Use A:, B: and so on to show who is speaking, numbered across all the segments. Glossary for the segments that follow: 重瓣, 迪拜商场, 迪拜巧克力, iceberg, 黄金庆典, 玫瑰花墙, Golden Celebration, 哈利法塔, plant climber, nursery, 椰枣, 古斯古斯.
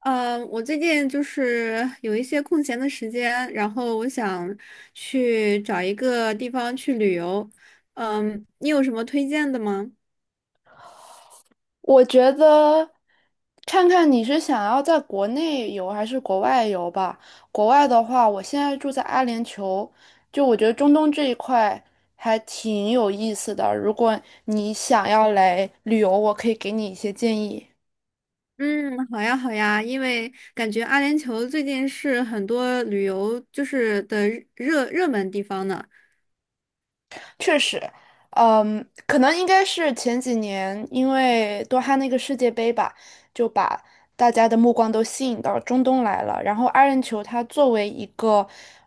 A: 我最近有一些空闲的时间，然后我想去找一个地方去旅游。嗯，你有什么推荐的吗？
B: 我觉得看看你是想要在国内游还是国外游吧。国外的话，我现在住在阿联酋，就我觉得中东这一块还挺有意思的。如果你想要来旅游，我可以给你一些建议。
A: 嗯，好呀，好呀，因为感觉阿联酋最近是很多旅游就是的热门地方呢。
B: 确实，可能应该是前几年因为多哈那个世界杯吧，就把大家的目光都吸引到中东来了。然后阿联酋它作为一个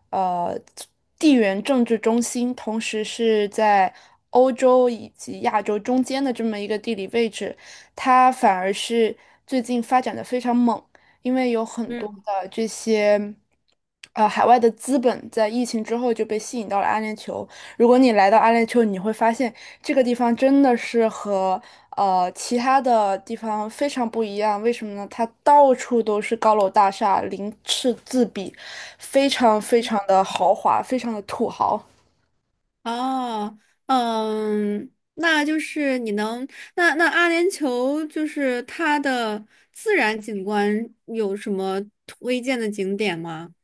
B: 呃地缘政治中心，同时是在欧洲以及亚洲中间的这么一个地理位置，它反而是最近发展的非常猛，因为有很多
A: 嗯。
B: 的这些。海外的资本在疫情之后就被吸引到了阿联酋，如果你来到阿联酋，你会发现这个地方真的是和其他的地方非常不一样。为什么呢？它到处都是高楼大厦，鳞次栉比，非常非常的豪华，非常的土豪。
A: 哦。嗯，那阿联酋它的自然景观有什么推荐的景点吗？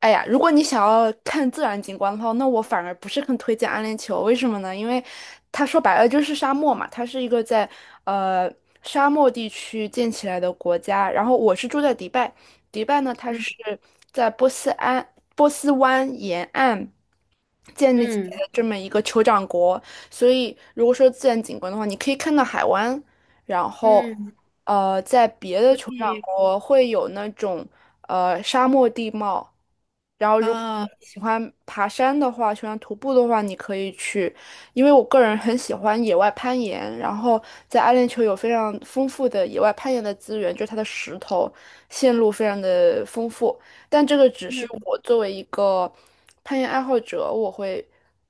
B: 哎呀，如果你想要看自然景观的话，那我反而不是很推荐阿联酋。为什么呢？因为它说白了就是沙漠嘛，它是一个在呃沙漠地区建起来的国家。然后我是住在迪拜，迪拜呢，它是在波斯湾沿岸建立起来
A: 嗯
B: 的这么一个酋长国。所以如果说自然景观的话，你可以看到海湾，然后，
A: 嗯。
B: 在别的
A: 所
B: 酋长
A: 以
B: 国会有那种沙漠地貌，然后如果
A: 啊。
B: 你喜欢爬山的话，喜欢徒步的话，你可以去，因为我个人很喜欢野外攀岩，然后在阿联酋有非常丰富的野外攀岩的资源，就是它的石头线路非常的丰富，但这个只是
A: 嗯。
B: 我作为一个攀岩爱好者，我会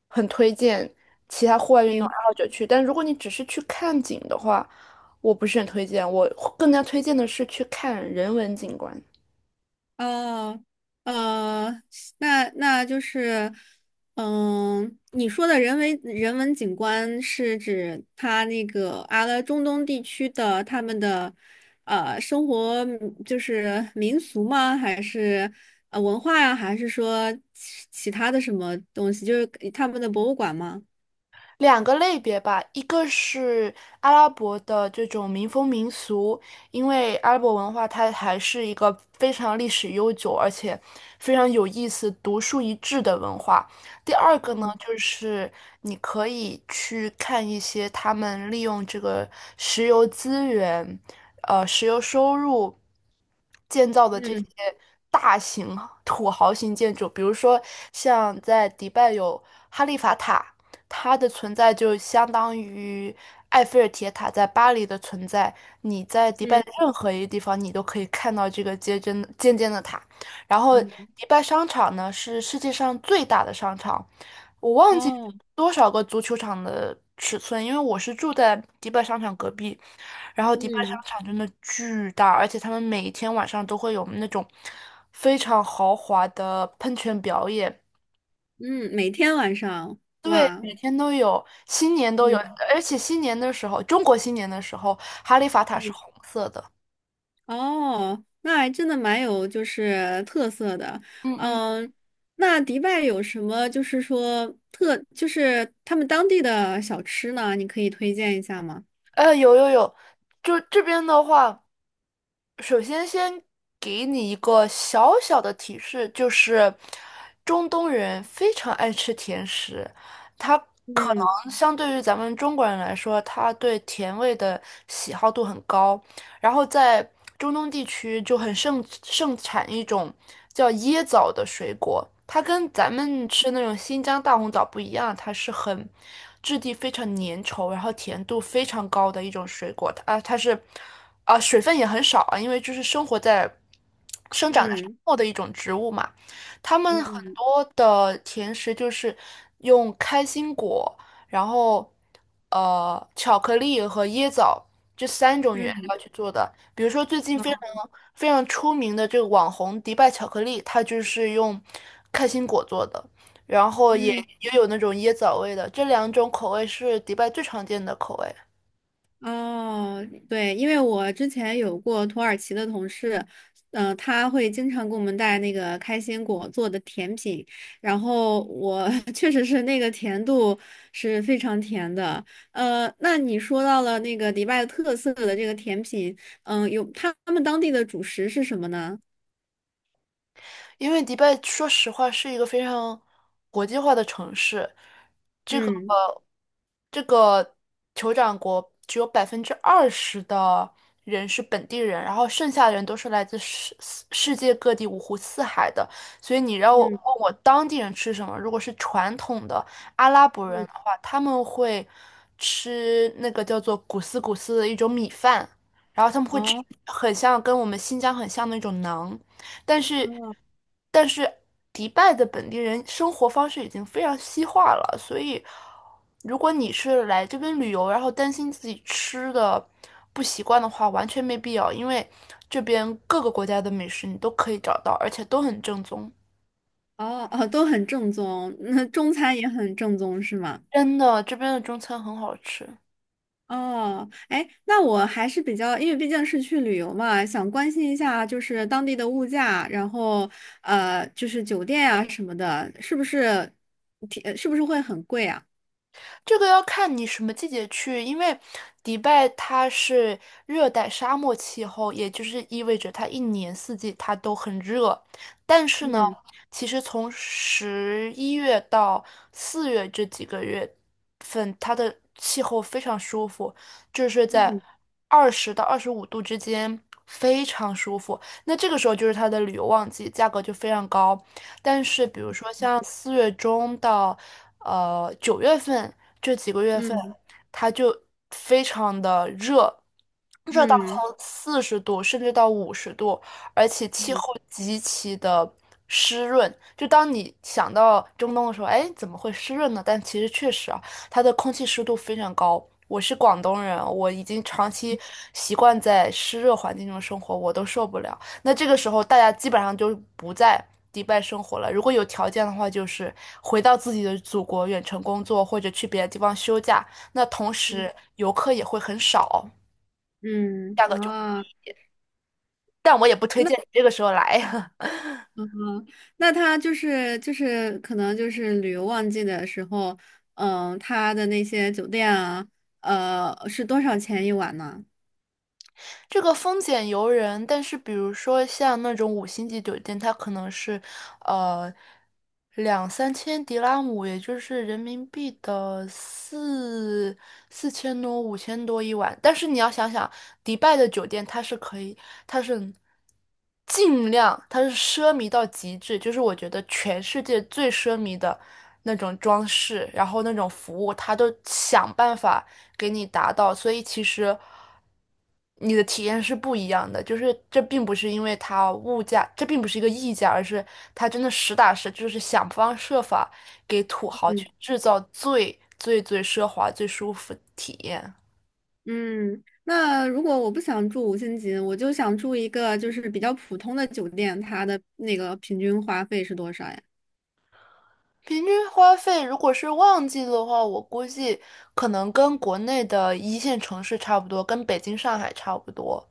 B: 很推荐其他户外运动
A: 明
B: 爱好
A: 白。
B: 者去，但如果你只是去看景的话，我不是很推荐，我更加推荐的是去看人文景观。
A: 哦。呃，那那就是，嗯，你说的人文景观是指它那个中东地区的他们的生活民俗吗？还是文化呀？还是说其他的什么东西？就是他们的博物馆吗？
B: 两个类别吧，一个是阿拉伯的这种民风民俗，因为阿拉伯文化它还是一个非常历史悠久，而且非常有意思、独树一帜的文化。第二个呢，
A: 嗯。
B: 就是你可以去看一些他们利用这个石油资源，石油收入建造的这些
A: 嗯。
B: 大型土豪型建筑，比如说像在迪拜有哈利法塔。它的存在就相当于埃菲尔铁塔在巴黎的存在。你在迪拜
A: 嗯。
B: 的任何一个地方，你都可以看到这个尖尖尖尖的塔。然后，
A: 嗯。
B: 迪拜商场呢是世界上最大的商场，我忘记
A: 哦。
B: 多少个足球场的尺寸，因为我是住在迪拜商场隔壁。然后，迪拜商
A: 嗯。
B: 场真的巨大，而且他们每天晚上都会有那种非常豪华的喷泉表演。
A: 嗯，每天晚上，
B: 对，
A: 哇。
B: 每天都有，新年都有，
A: 嗯
B: 而且新年的时候，中国新年的时候，哈利法塔是
A: 嗯。
B: 红色的。
A: 哦，那还真的蛮有特色的。
B: 嗯嗯，
A: 嗯，那迪拜有什么就是说特，就是他们当地的小吃呢？你可以推荐一下吗？
B: 有有有，就这边的话，首先先给你一个小小的提示，就是中东人非常爱吃甜食，他可
A: 嗯。
B: 能相对于咱们中国人来说，他对甜味的喜好度很高。然后在中东地区就很盛产一种叫椰枣的水果，它跟咱们吃那种新疆大红枣不一样，它是很质地非常粘稠，然后甜度非常高的一种水果。它是啊、水分也很少啊，因为就是生长在沙
A: 嗯。
B: 漠的一种植物嘛。他们很
A: 嗯。
B: 多的甜食就是用开心果，然后巧克力和椰枣这三种原
A: 嗯。
B: 料去做的。比如说最近非常
A: 好。
B: 非常出名的这个网红迪拜巧克力，它就是用开心果做的，然后
A: 嗯。
B: 也有那种椰枣味的，这两种口味是迪拜最常见的口味。
A: 哦，对，因为我之前有过土耳其的同事，嗯、他会经常给我们带那个开心果做的甜品，然后我 确实那个甜度是非常甜的。那你说到了那个迪拜特色的这个甜品，嗯、有他们当地的主食是什么呢？
B: 因为迪拜说实话是一个非常国际化的城市，这个
A: 嗯。
B: 这个酋长国只有20%的人是本地人，然后剩下的人都是来自世界各地五湖四海的。所以你让我问
A: 嗯。
B: 我当地人吃什么，如果是传统的阿拉伯人
A: 嗯。
B: 的话，他们会吃那个叫做古斯古斯的一种米饭，然后他们会吃
A: 哦
B: 很像跟我们新疆很像的那种馕。但是，
A: 哦。
B: 但是迪拜的本地人生活方式已经非常西化了，所以如果你是来这边旅游，然后担心自己吃的不习惯的话，完全没必要，因为这边各个国家的美食你都可以找到，而且都很正宗。
A: 哦哦，都很正宗，那中餐也很正宗是吗？
B: 真的，这边的中餐很好吃。
A: 哦，哎，那我还是比较，因为毕竟是去旅游嘛，想关心一下当地的物价，然后酒店啊什么的，是不是挺，是不是会很贵啊？
B: 这个要看你什么季节去，因为迪拜它是热带沙漠气候，也就是意味着它一年四季它都很热。但是呢，
A: 嗯。
B: 其实从十一月到四月这几个月份，它的气候非常舒服，就是在
A: 嗯。
B: 20到25度之间，非常舒服。那这个时候就是它的旅游旺季，价格就非常高。但是比如说像四月中到九月份这几个月份，
A: 嗯。
B: 它就非常的热，热到
A: 嗯。
B: 从40度甚至到50度，而且气候
A: 嗯。
B: 极其的湿润。就当你想到中东的时候，哎，怎么会湿润呢？但其实确实啊，它的空气湿度非常高。我是广东人，我已经长期习惯在湿热环境中生活，我都受不了。那这个时候大家基本上就不在迪拜生活了。如果有条件的话，就是回到自己的祖国远程工作，或者去别的地方休假。那同时游客也会很少，
A: 嗯。
B: 价格
A: 嗯
B: 就，
A: 啊。
B: 但我也不推
A: 那
B: 荐你这个时候来。
A: 嗯，那他可能旅游旺季的时候，嗯，他的那些酒店啊，是多少钱一晚呢？
B: 这个风险由人，但是比如说像那种五星级酒店，它可能是呃两三千迪拉姆，也就是人民币的4000多、5000多一晚。但是你要想想，迪拜的酒店它是可以，它是尽量，它是奢靡到极致，就是我觉得全世界最奢靡的那种装饰，然后那种服务，它都想办法给你达到。所以其实，你的体验是不一样的，就是这并不是因为它物价，这并不是一个溢价，而是它真的实打实就是想方设法给土豪去
A: 嗯。
B: 制造最最最奢华、最舒服的体验。
A: 嗯，那如果我不想住五星级，我就想住一个比较普通的酒店，它的那个平均花费是多少呀？
B: 平均花费如果是旺季的话，我估计可能跟国内的一线城市差不多，跟北京、上海差不多。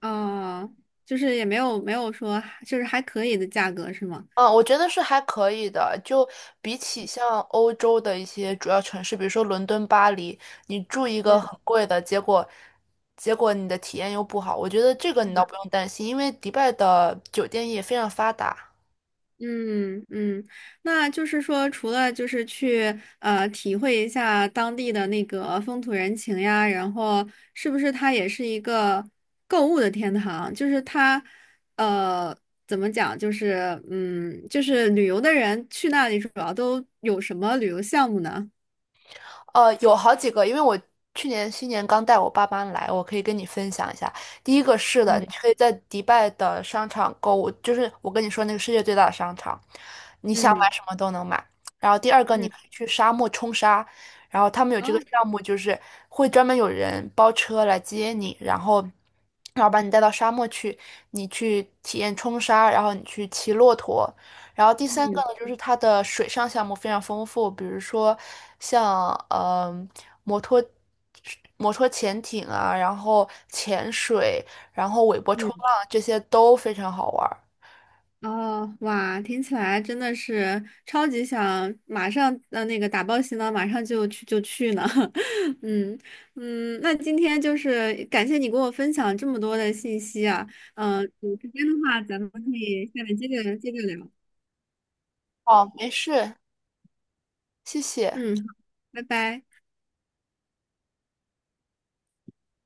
A: 啊，也没有说还可以的价格是吗？
B: 嗯，我觉得是还可以的。就比起像欧洲的一些主要城市，比如说伦敦、巴黎，你住一个很贵的，结果你的体验又不好。我觉得这个你倒不用担心，因为迪拜的酒店业非常发达，
A: 嗯嗯。那就是说，除了去体会一下当地的那个风土人情呀，然后是不是它也是一个购物的天堂？就是它呃怎么讲？旅游的人去那里主要都有什么旅游项目呢？
B: 有好几个，因为我去年新年刚带我爸妈来，我可以跟你分享一下。第一个是的，
A: 嗯。
B: 你可以在迪拜的商场购物，就是我跟你说那个世界最大的商场，你想买
A: 嗯。
B: 什么都能买。然后第二个，你
A: 嗯。
B: 可以去沙漠冲沙，然后他们有这
A: 哦。
B: 个项目，就是会专门有人包车来接你，然后把你带到沙漠去，你去体验冲沙，然后你去骑骆驼，然后第三个
A: 嗯
B: 呢，就是它的水上项目非常丰富，比如说像摩托摩托潜艇啊，然后潜水，然后尾波
A: 嗯。
B: 冲浪这些都非常好玩儿。
A: 哦，哇，听起来真的是超级想马上那个打包行囊，马上就去呢。嗯。嗯，那今天感谢你给我分享这么多的信息啊。嗯、有时间的话，咱们可以下面接着聊。
B: 哦，没事，谢谢。
A: 嗯，好，拜拜。